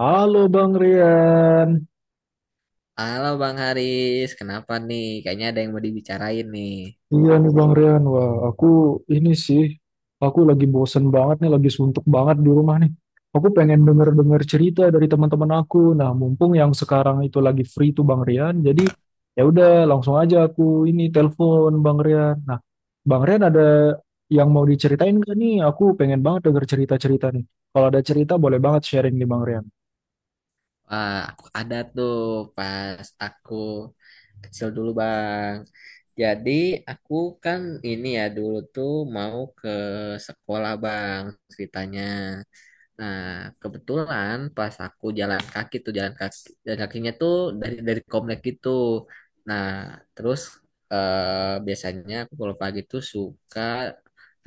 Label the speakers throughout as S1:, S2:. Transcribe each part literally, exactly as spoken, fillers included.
S1: Halo Bang Rian,
S2: Halo Bang Haris, kenapa nih? Kayaknya ada yang mau dibicarain nih.
S1: iya nih Bang Rian, wah aku ini sih, aku lagi bosen banget nih, lagi suntuk banget di rumah nih. Aku pengen denger-denger cerita dari teman-teman aku. Nah, mumpung yang sekarang itu lagi free tuh Bang Rian, jadi ya udah langsung aja aku ini telepon Bang Rian. Nah, Bang Rian ada yang mau diceritain gak nih? Aku pengen banget denger cerita-cerita nih. Kalau ada cerita boleh banget sharing nih Bang Rian.
S2: Wah, aku ada tuh pas aku kecil dulu Bang. Jadi aku kan ini ya dulu tuh mau ke sekolah Bang ceritanya. Nah, kebetulan pas aku jalan kaki tuh jalan kaki jalan kakinya tuh dari dari komplek gitu. Nah, terus eh, biasanya aku kalau pagi tuh suka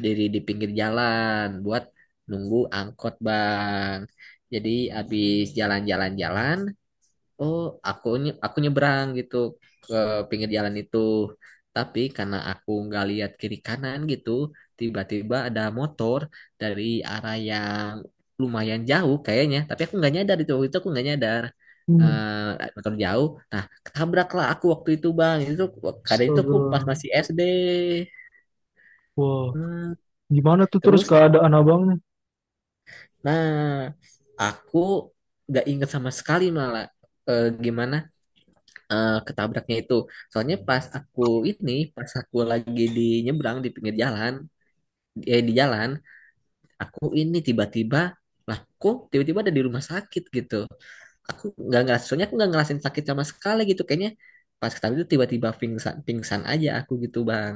S2: diri di pinggir jalan buat nunggu angkot, Bang. Jadi habis jalan-jalan-jalan oh aku nye- aku nyebrang gitu ke pinggir jalan itu, tapi karena aku nggak lihat kiri kanan gitu tiba-tiba ada motor dari arah yang lumayan jauh kayaknya, tapi aku nggak nyadar itu, waktu itu aku nggak nyadar.
S1: Hmm,
S2: Eh, eh, motor jauh, nah ketabraklah aku waktu itu bang. Itu kadang itu aku
S1: astaga.
S2: pas masih S D.
S1: Wah,
S2: Hmm,
S1: gimana tuh terus
S2: terus
S1: keadaan abangnya?
S2: nah aku nggak inget sama sekali malah eh, gimana eh, ketabraknya itu. Soalnya pas aku ini, pas aku lagi di nyebrang di pinggir jalan, eh di jalan, aku ini tiba-tiba, lah kok tiba-tiba ada di rumah sakit gitu. Aku nggak ngerasa, soalnya aku nggak ngerasain sakit sama sekali gitu. Kayaknya pas ketabrak itu tiba-tiba pingsan, pingsan aja aku gitu bang.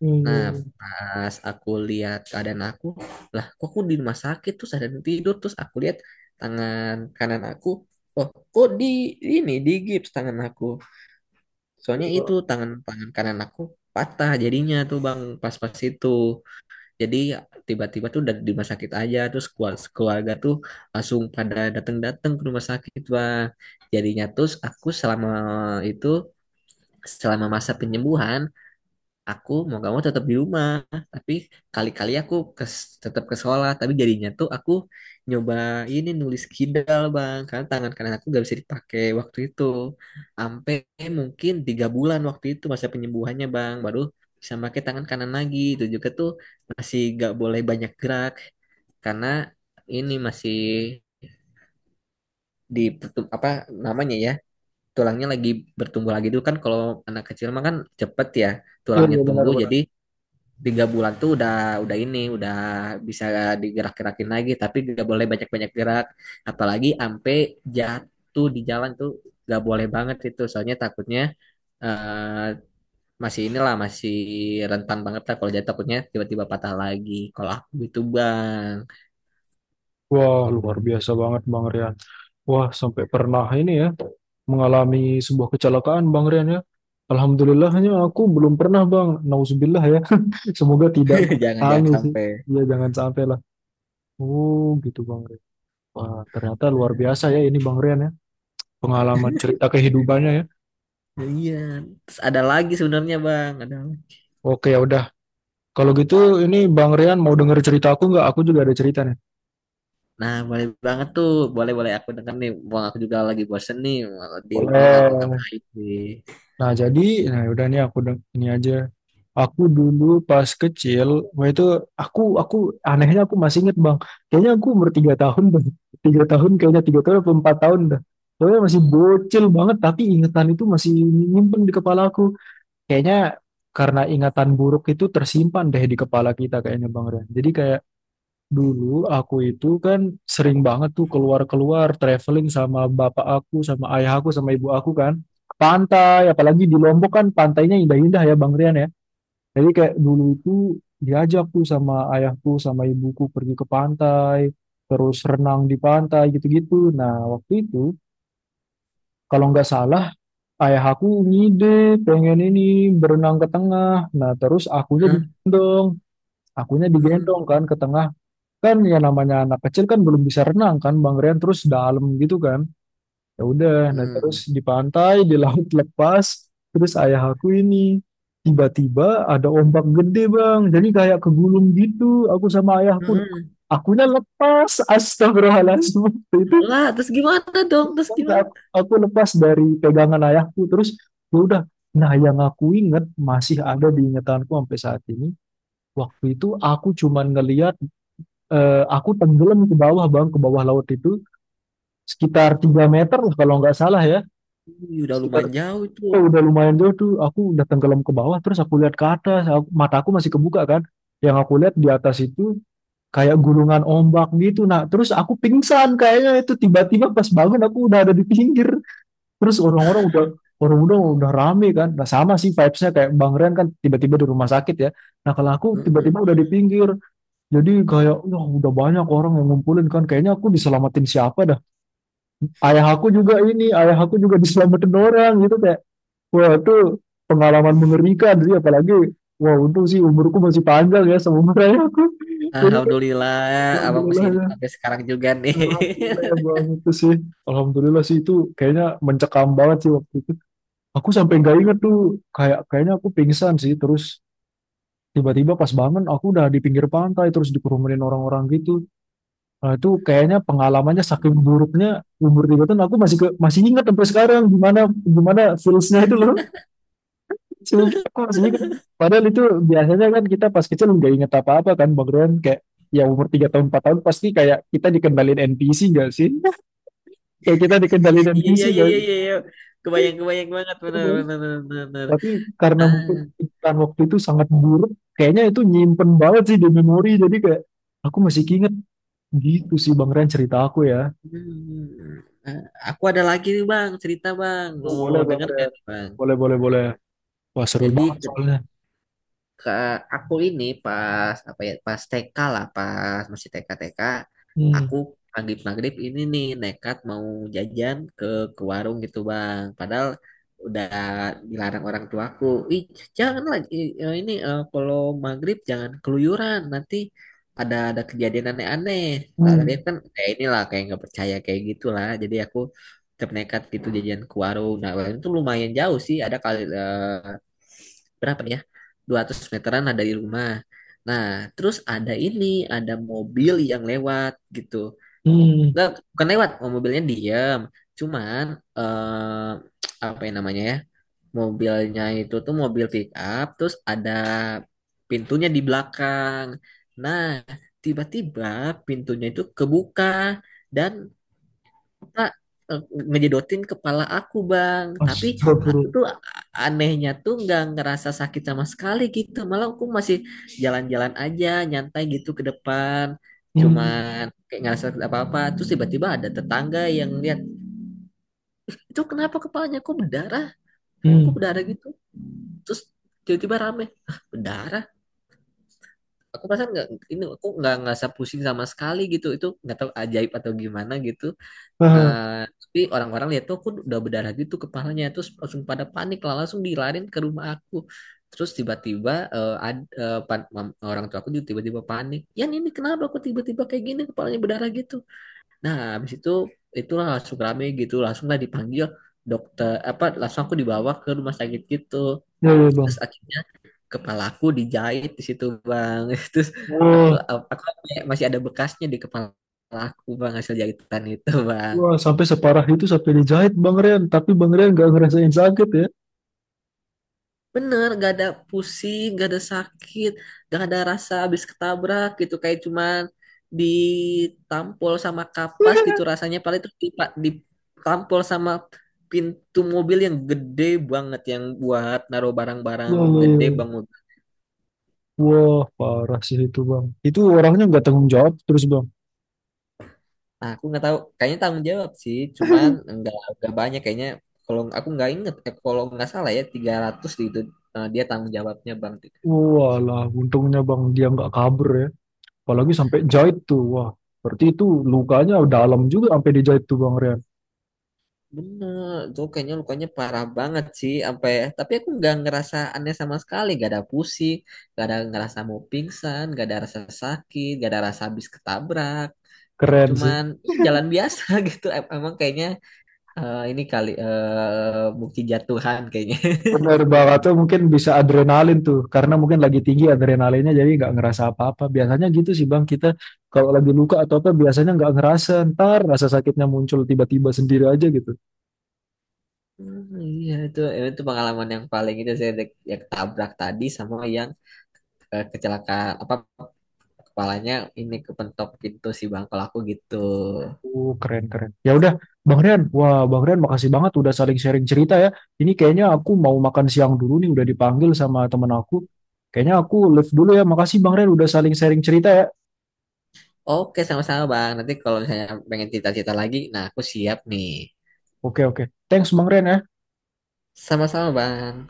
S1: Iya,
S2: Nah
S1: iya,
S2: pas aku lihat keadaan aku, lah kok aku di rumah sakit, terus ada yang tidur, terus aku lihat tangan kanan aku, oh kok di ini di gips tangan aku. Soalnya itu
S1: iya.
S2: tangan tangan kanan aku patah jadinya tuh bang pas-pas itu. Jadi tiba-tiba tuh udah di rumah sakit aja, terus keluarga, keluarga tuh langsung pada datang-datang ke rumah sakit bang. Jadinya terus aku selama itu, selama masa penyembuhan aku mau gak mau tetap di rumah, tapi kali-kali aku ke, tetap ke sekolah, tapi jadinya tuh aku nyoba ini nulis kidal bang karena tangan kanan aku gak bisa dipakai waktu itu sampai mungkin tiga bulan waktu itu masa penyembuhannya bang, baru bisa pakai tangan kanan lagi. Itu juga tuh masih gak boleh banyak gerak karena ini masih di pertum- apa namanya ya, tulangnya lagi bertumbuh lagi dulu kan, kalau anak kecil mah kan cepet ya
S1: Iya,
S2: tulangnya
S1: iya,
S2: tumbuh.
S1: benar-benar.
S2: Jadi tiga bulan tuh udah udah ini udah bisa digerak-gerakin lagi, tapi gak boleh banyak-banyak gerak, apalagi ampe jatuh di jalan tuh gak boleh banget itu, soalnya takutnya eh, masih inilah, masih rentan banget lah, kalau jatuh takutnya tiba-tiba patah lagi kalau aku gitu bang.
S1: Wah, luar biasa banget Bang Rian. Wah, sampai pernah ini ya mengalami sebuah kecelakaan Bang Rian ya. Alhamdulillahnya aku belum pernah Bang. Nauzubillah ya. Semoga tidak
S2: Jangan-jangan
S1: alami sih.
S2: sampai.
S1: Ya jangan sampai lah. Oh, gitu Bang Rian. Wah, ternyata luar biasa ya ini Bang Rian ya. Pengalaman cerita kehidupannya ya.
S2: Nah, iya, terus ada lagi sebenarnya bang, ada.
S1: Oke, ya udah. Kalau gitu ini Bang Rian mau denger cerita aku nggak? Aku juga ada cerita nih.
S2: Nah, boleh banget tuh. Boleh-boleh aku denger nih. Bang, aku juga lagi bosen nih. Di rumah
S1: Boleh.
S2: ngapa-ngapain sih.
S1: Nah, jadi, nah ya udah nih aku deng- ini aja. Aku dulu pas kecil, wah itu aku aku anehnya aku masih inget bang, kayaknya aku umur tiga tahun bang, tiga tahun kayaknya tiga tahun atau empat tahun dah, pokoknya masih bocil banget, tapi ingatan itu masih nyimpen di kepala aku, kayaknya karena ingatan buruk itu tersimpan deh di kepala kita kayaknya bang Ren. Jadi kayak dulu aku itu kan sering banget tuh keluar-keluar traveling sama bapak aku, sama ayah aku, sama ibu aku kan, ke pantai, apalagi di Lombok kan pantainya indah-indah ya bang Rian ya. Jadi kayak dulu itu diajak tuh sama ayahku sama ibuku pergi ke pantai, terus renang di pantai gitu-gitu. Nah, waktu itu kalau nggak salah ayah aku ngide pengen ini berenang ke tengah. Nah, terus akunya
S2: Heeh,
S1: digendong, akunya digendong
S2: heeh,
S1: kan ke tengah. Kan ya namanya anak kecil kan belum bisa renang kan Bang Rian terus dalam gitu kan ya udah nah
S2: heeh,
S1: terus di pantai di laut lepas terus ayah aku ini tiba-tiba ada ombak gede bang jadi kayak kegulung gitu aku sama ayahku
S2: heeh.
S1: akunya lepas astagfirullahaladzim. Waktu itu
S2: Lah, terus gimana dong? Terus gimana?
S1: aku, aku lepas dari pegangan ayahku terus ya udah nah yang aku inget masih ada di ingatanku sampai saat ini waktu itu aku cuman ngeliat eh, aku tenggelam ke bawah bang ke bawah laut itu sekitar tiga meter lah kalau nggak salah ya
S2: Ih, udah
S1: sekitar
S2: lumayan jauh tuh.
S1: Eh, udah lumayan jauh tuh aku udah tenggelam ke bawah terus aku lihat ke atas aku- mataku masih kebuka kan yang aku lihat di atas itu kayak gulungan ombak gitu nah terus aku pingsan kayaknya itu tiba-tiba pas bangun aku udah ada di pinggir terus orang-orang udah orang udah udah rame kan nah sama sih vibesnya kayak Bang Ren kan tiba-tiba di rumah sakit ya nah kalau aku
S2: Heeh.
S1: tiba-tiba udah di pinggir jadi kayak wah udah banyak orang yang ngumpulin kan kayaknya aku diselamatin siapa dah ayah aku juga ini ayah aku juga diselamatin orang gitu kan. Wah, itu pengalaman mengerikan sih, apalagi wah untung sih umurku masih panjang ya seumurnya aku. Jadi kayak,
S2: Alhamdulillah, abang masih
S1: alhamdulillah
S2: hidup
S1: ya,
S2: sampai sekarang juga nih.
S1: alhamdulillah ya bang itu sih. Alhamdulillah sih itu kayaknya mencekam banget sih waktu itu. Aku sampai nggak inget tuh kayak kayaknya aku pingsan sih terus tiba-tiba pas bangun aku udah di pinggir pantai terus dikerumunin orang-orang gitu. Nah, itu kayaknya pengalamannya saking buruknya umur tiga tahun aku masih ke, masih ingat sampai sekarang gimana gimana feelsnya itu loh. Sumpah aku masih ingat. Padahal itu biasanya kan kita pas kecil nggak inget apa-apa kan Bang Ron. Kayak ya umur tiga tahun empat tahun pasti kayak kita dikendalin N P C gak sih? Kayak kita dikendalin
S2: Iya,
S1: N P C
S2: iya, iya,
S1: gak
S2: iya, iya. iya. Kebayang, kebayang banget, bener,
S1: sih?
S2: bener, bener, bener.
S1: Tapi karena
S2: Ah,
S1: mungkin iklan waktu itu sangat buruk. Kayaknya itu nyimpen banget sih di memori. Jadi kayak aku masih inget gitu sih Bang Ren cerita aku ya.
S2: hmm. Ah, aku ada lagi nih, Bang, cerita, Bang.
S1: Oh,
S2: Oh,
S1: boleh Bang
S2: denger kan,
S1: Ren.
S2: Bang?
S1: Boleh, boleh, boleh. Wah seru
S2: Jadi,
S1: banget
S2: ketika
S1: soalnya.
S2: ke aku ini pas apa ya, pas T K lah, pas masih T K T K
S1: Hmm,
S2: aku, maghrib maghrib ini nih nekat mau jajan ke ke warung gitu bang, padahal udah dilarang orang tuaku, ih jangan lagi eh, ini eh, kalau maghrib jangan keluyuran nanti ada ada kejadian aneh-aneh. Lah tapi
S1: hmm,
S2: kan kayak inilah, kayak nggak percaya kayak gitulah, jadi aku tetap nekat gitu jajan ke warung. Nah warung itu lumayan jauh sih, ada kali eh, berapa ya, dua ratus meteran lah dari rumah. Nah terus ada ini, ada mobil yang lewat gitu,
S1: hmm.
S2: nggak bukan lewat, oh, mobilnya diem, cuman eh, apa yang namanya ya, mobilnya itu tuh mobil pick up, terus ada pintunya di belakang. Nah tiba-tiba pintunya itu kebuka, dan Pak, eh, ngejedotin kepala aku bang. Tapi aku
S1: Astagfirullah.
S2: tuh a- anehnya tuh nggak ngerasa sakit sama sekali gitu, malah aku masih jalan-jalan aja nyantai gitu ke depan,
S1: Hmm,
S2: cuman kayak nggak sakit apa-apa. Terus tiba-tiba ada tetangga yang lihat, itu kenapa kepalanya kok berdarah, kok
S1: hmm.
S2: berdarah gitu. Terus tiba-tiba rame, "Hah, berdarah, aku perasaan nggak ini, aku nggak ngerasa pusing sama sekali gitu, itu nggak tahu ajaib atau gimana gitu.
S1: Ah,
S2: Eh, tapi orang-orang lihat tuh aku udah berdarah gitu kepalanya, terus langsung pada panik lah, langsung dilarin ke rumah aku. Terus tiba-tiba eh, ad- eh, pan- mam- orang tua aku juga tiba-tiba panik ya, ini kenapa aku tiba-tiba kayak gini kepalanya berdarah gitu. Nah habis itu itulah langsung rame gitu, langsung lah dipanggil dokter apa, langsung aku dibawa ke rumah sakit gitu.
S1: ya, ya
S2: Terus
S1: Bang.
S2: akhirnya kepala aku dijahit di situ bang. Terus aku
S1: Wah.
S2: aku kayak masih ada bekasnya di kepala aku bang, hasil jahitan itu bang.
S1: Wah, sampai separah itu sampai dijahit Bang Rian. Tapi Bang Rian gak ngerasain sakit ya.
S2: Bener, gak ada pusing, gak ada sakit, gak ada rasa habis ketabrak gitu. Kayak cuman ditampol sama kapas gitu rasanya. Paling terus dipa- ditampol sama pintu mobil yang gede banget. Yang buat naruh barang-barang
S1: Wah, wah.
S2: gede banget.
S1: Wah, parah sih itu Bang. Itu orangnya nggak tanggung jawab terus Bang.
S2: Nah, aku nggak tahu. Kayaknya tanggung jawab sih. Cuman nggak nggak banyak kayaknya. Kalau aku nggak inget, eh, kalau nggak salah ya tiga ratus gitu eh, dia tanggung jawabnya bang.
S1: Walah, untungnya Bang dia nggak kabur ya. Apalagi sampai jahit tuh. Wah, berarti itu lukanya dalam juga sampai dijahit tuh Bang Rian.
S2: Bener, tuh kayaknya lukanya parah banget sih, apa ya? Tapi aku nggak ngerasa aneh sama sekali, nggak ada pusing, nggak ada ngerasa mau pingsan, nggak ada rasa sakit, nggak ada rasa habis ketabrak. Te-
S1: Keren sih.
S2: Cuman ya, jalan biasa gitu. Em- Emang kayaknya eh, ini kali eh bukti jatuhan kayaknya.
S1: Bener
S2: Bukti
S1: banget tuh
S2: jat-
S1: mungkin bisa adrenalin tuh karena mungkin lagi tinggi adrenalinnya jadi nggak ngerasa apa-apa. Biasanya gitu sih Bang kita kalau lagi luka atau apa biasanya nggak ngerasa ntar rasa sakitnya muncul tiba-tiba sendiri aja gitu.
S2: Hmm, iya itu eh, itu pengalaman yang paling itu, saya dek- yang ketabrak tadi sama yang eh, kecelakaan apa, kepalanya ini kepentok pintu si bangkel aku gitu.
S1: Uh keren keren. Ya udah Bang Rian, wah Bang Rian makasih banget udah saling sharing cerita ya. Ini kayaknya aku mau makan siang dulu nih udah dipanggil sama temen aku. Kayaknya aku live dulu ya. Makasih Bang Rian udah saling sharing cerita ya.
S2: Oke, sama-sama Bang. Nanti kalau misalnya pengen cerita-cerita lagi, nah aku siap nih.
S1: Oke oke. Thanks Bang Rian ya.
S2: Sama-sama Bang.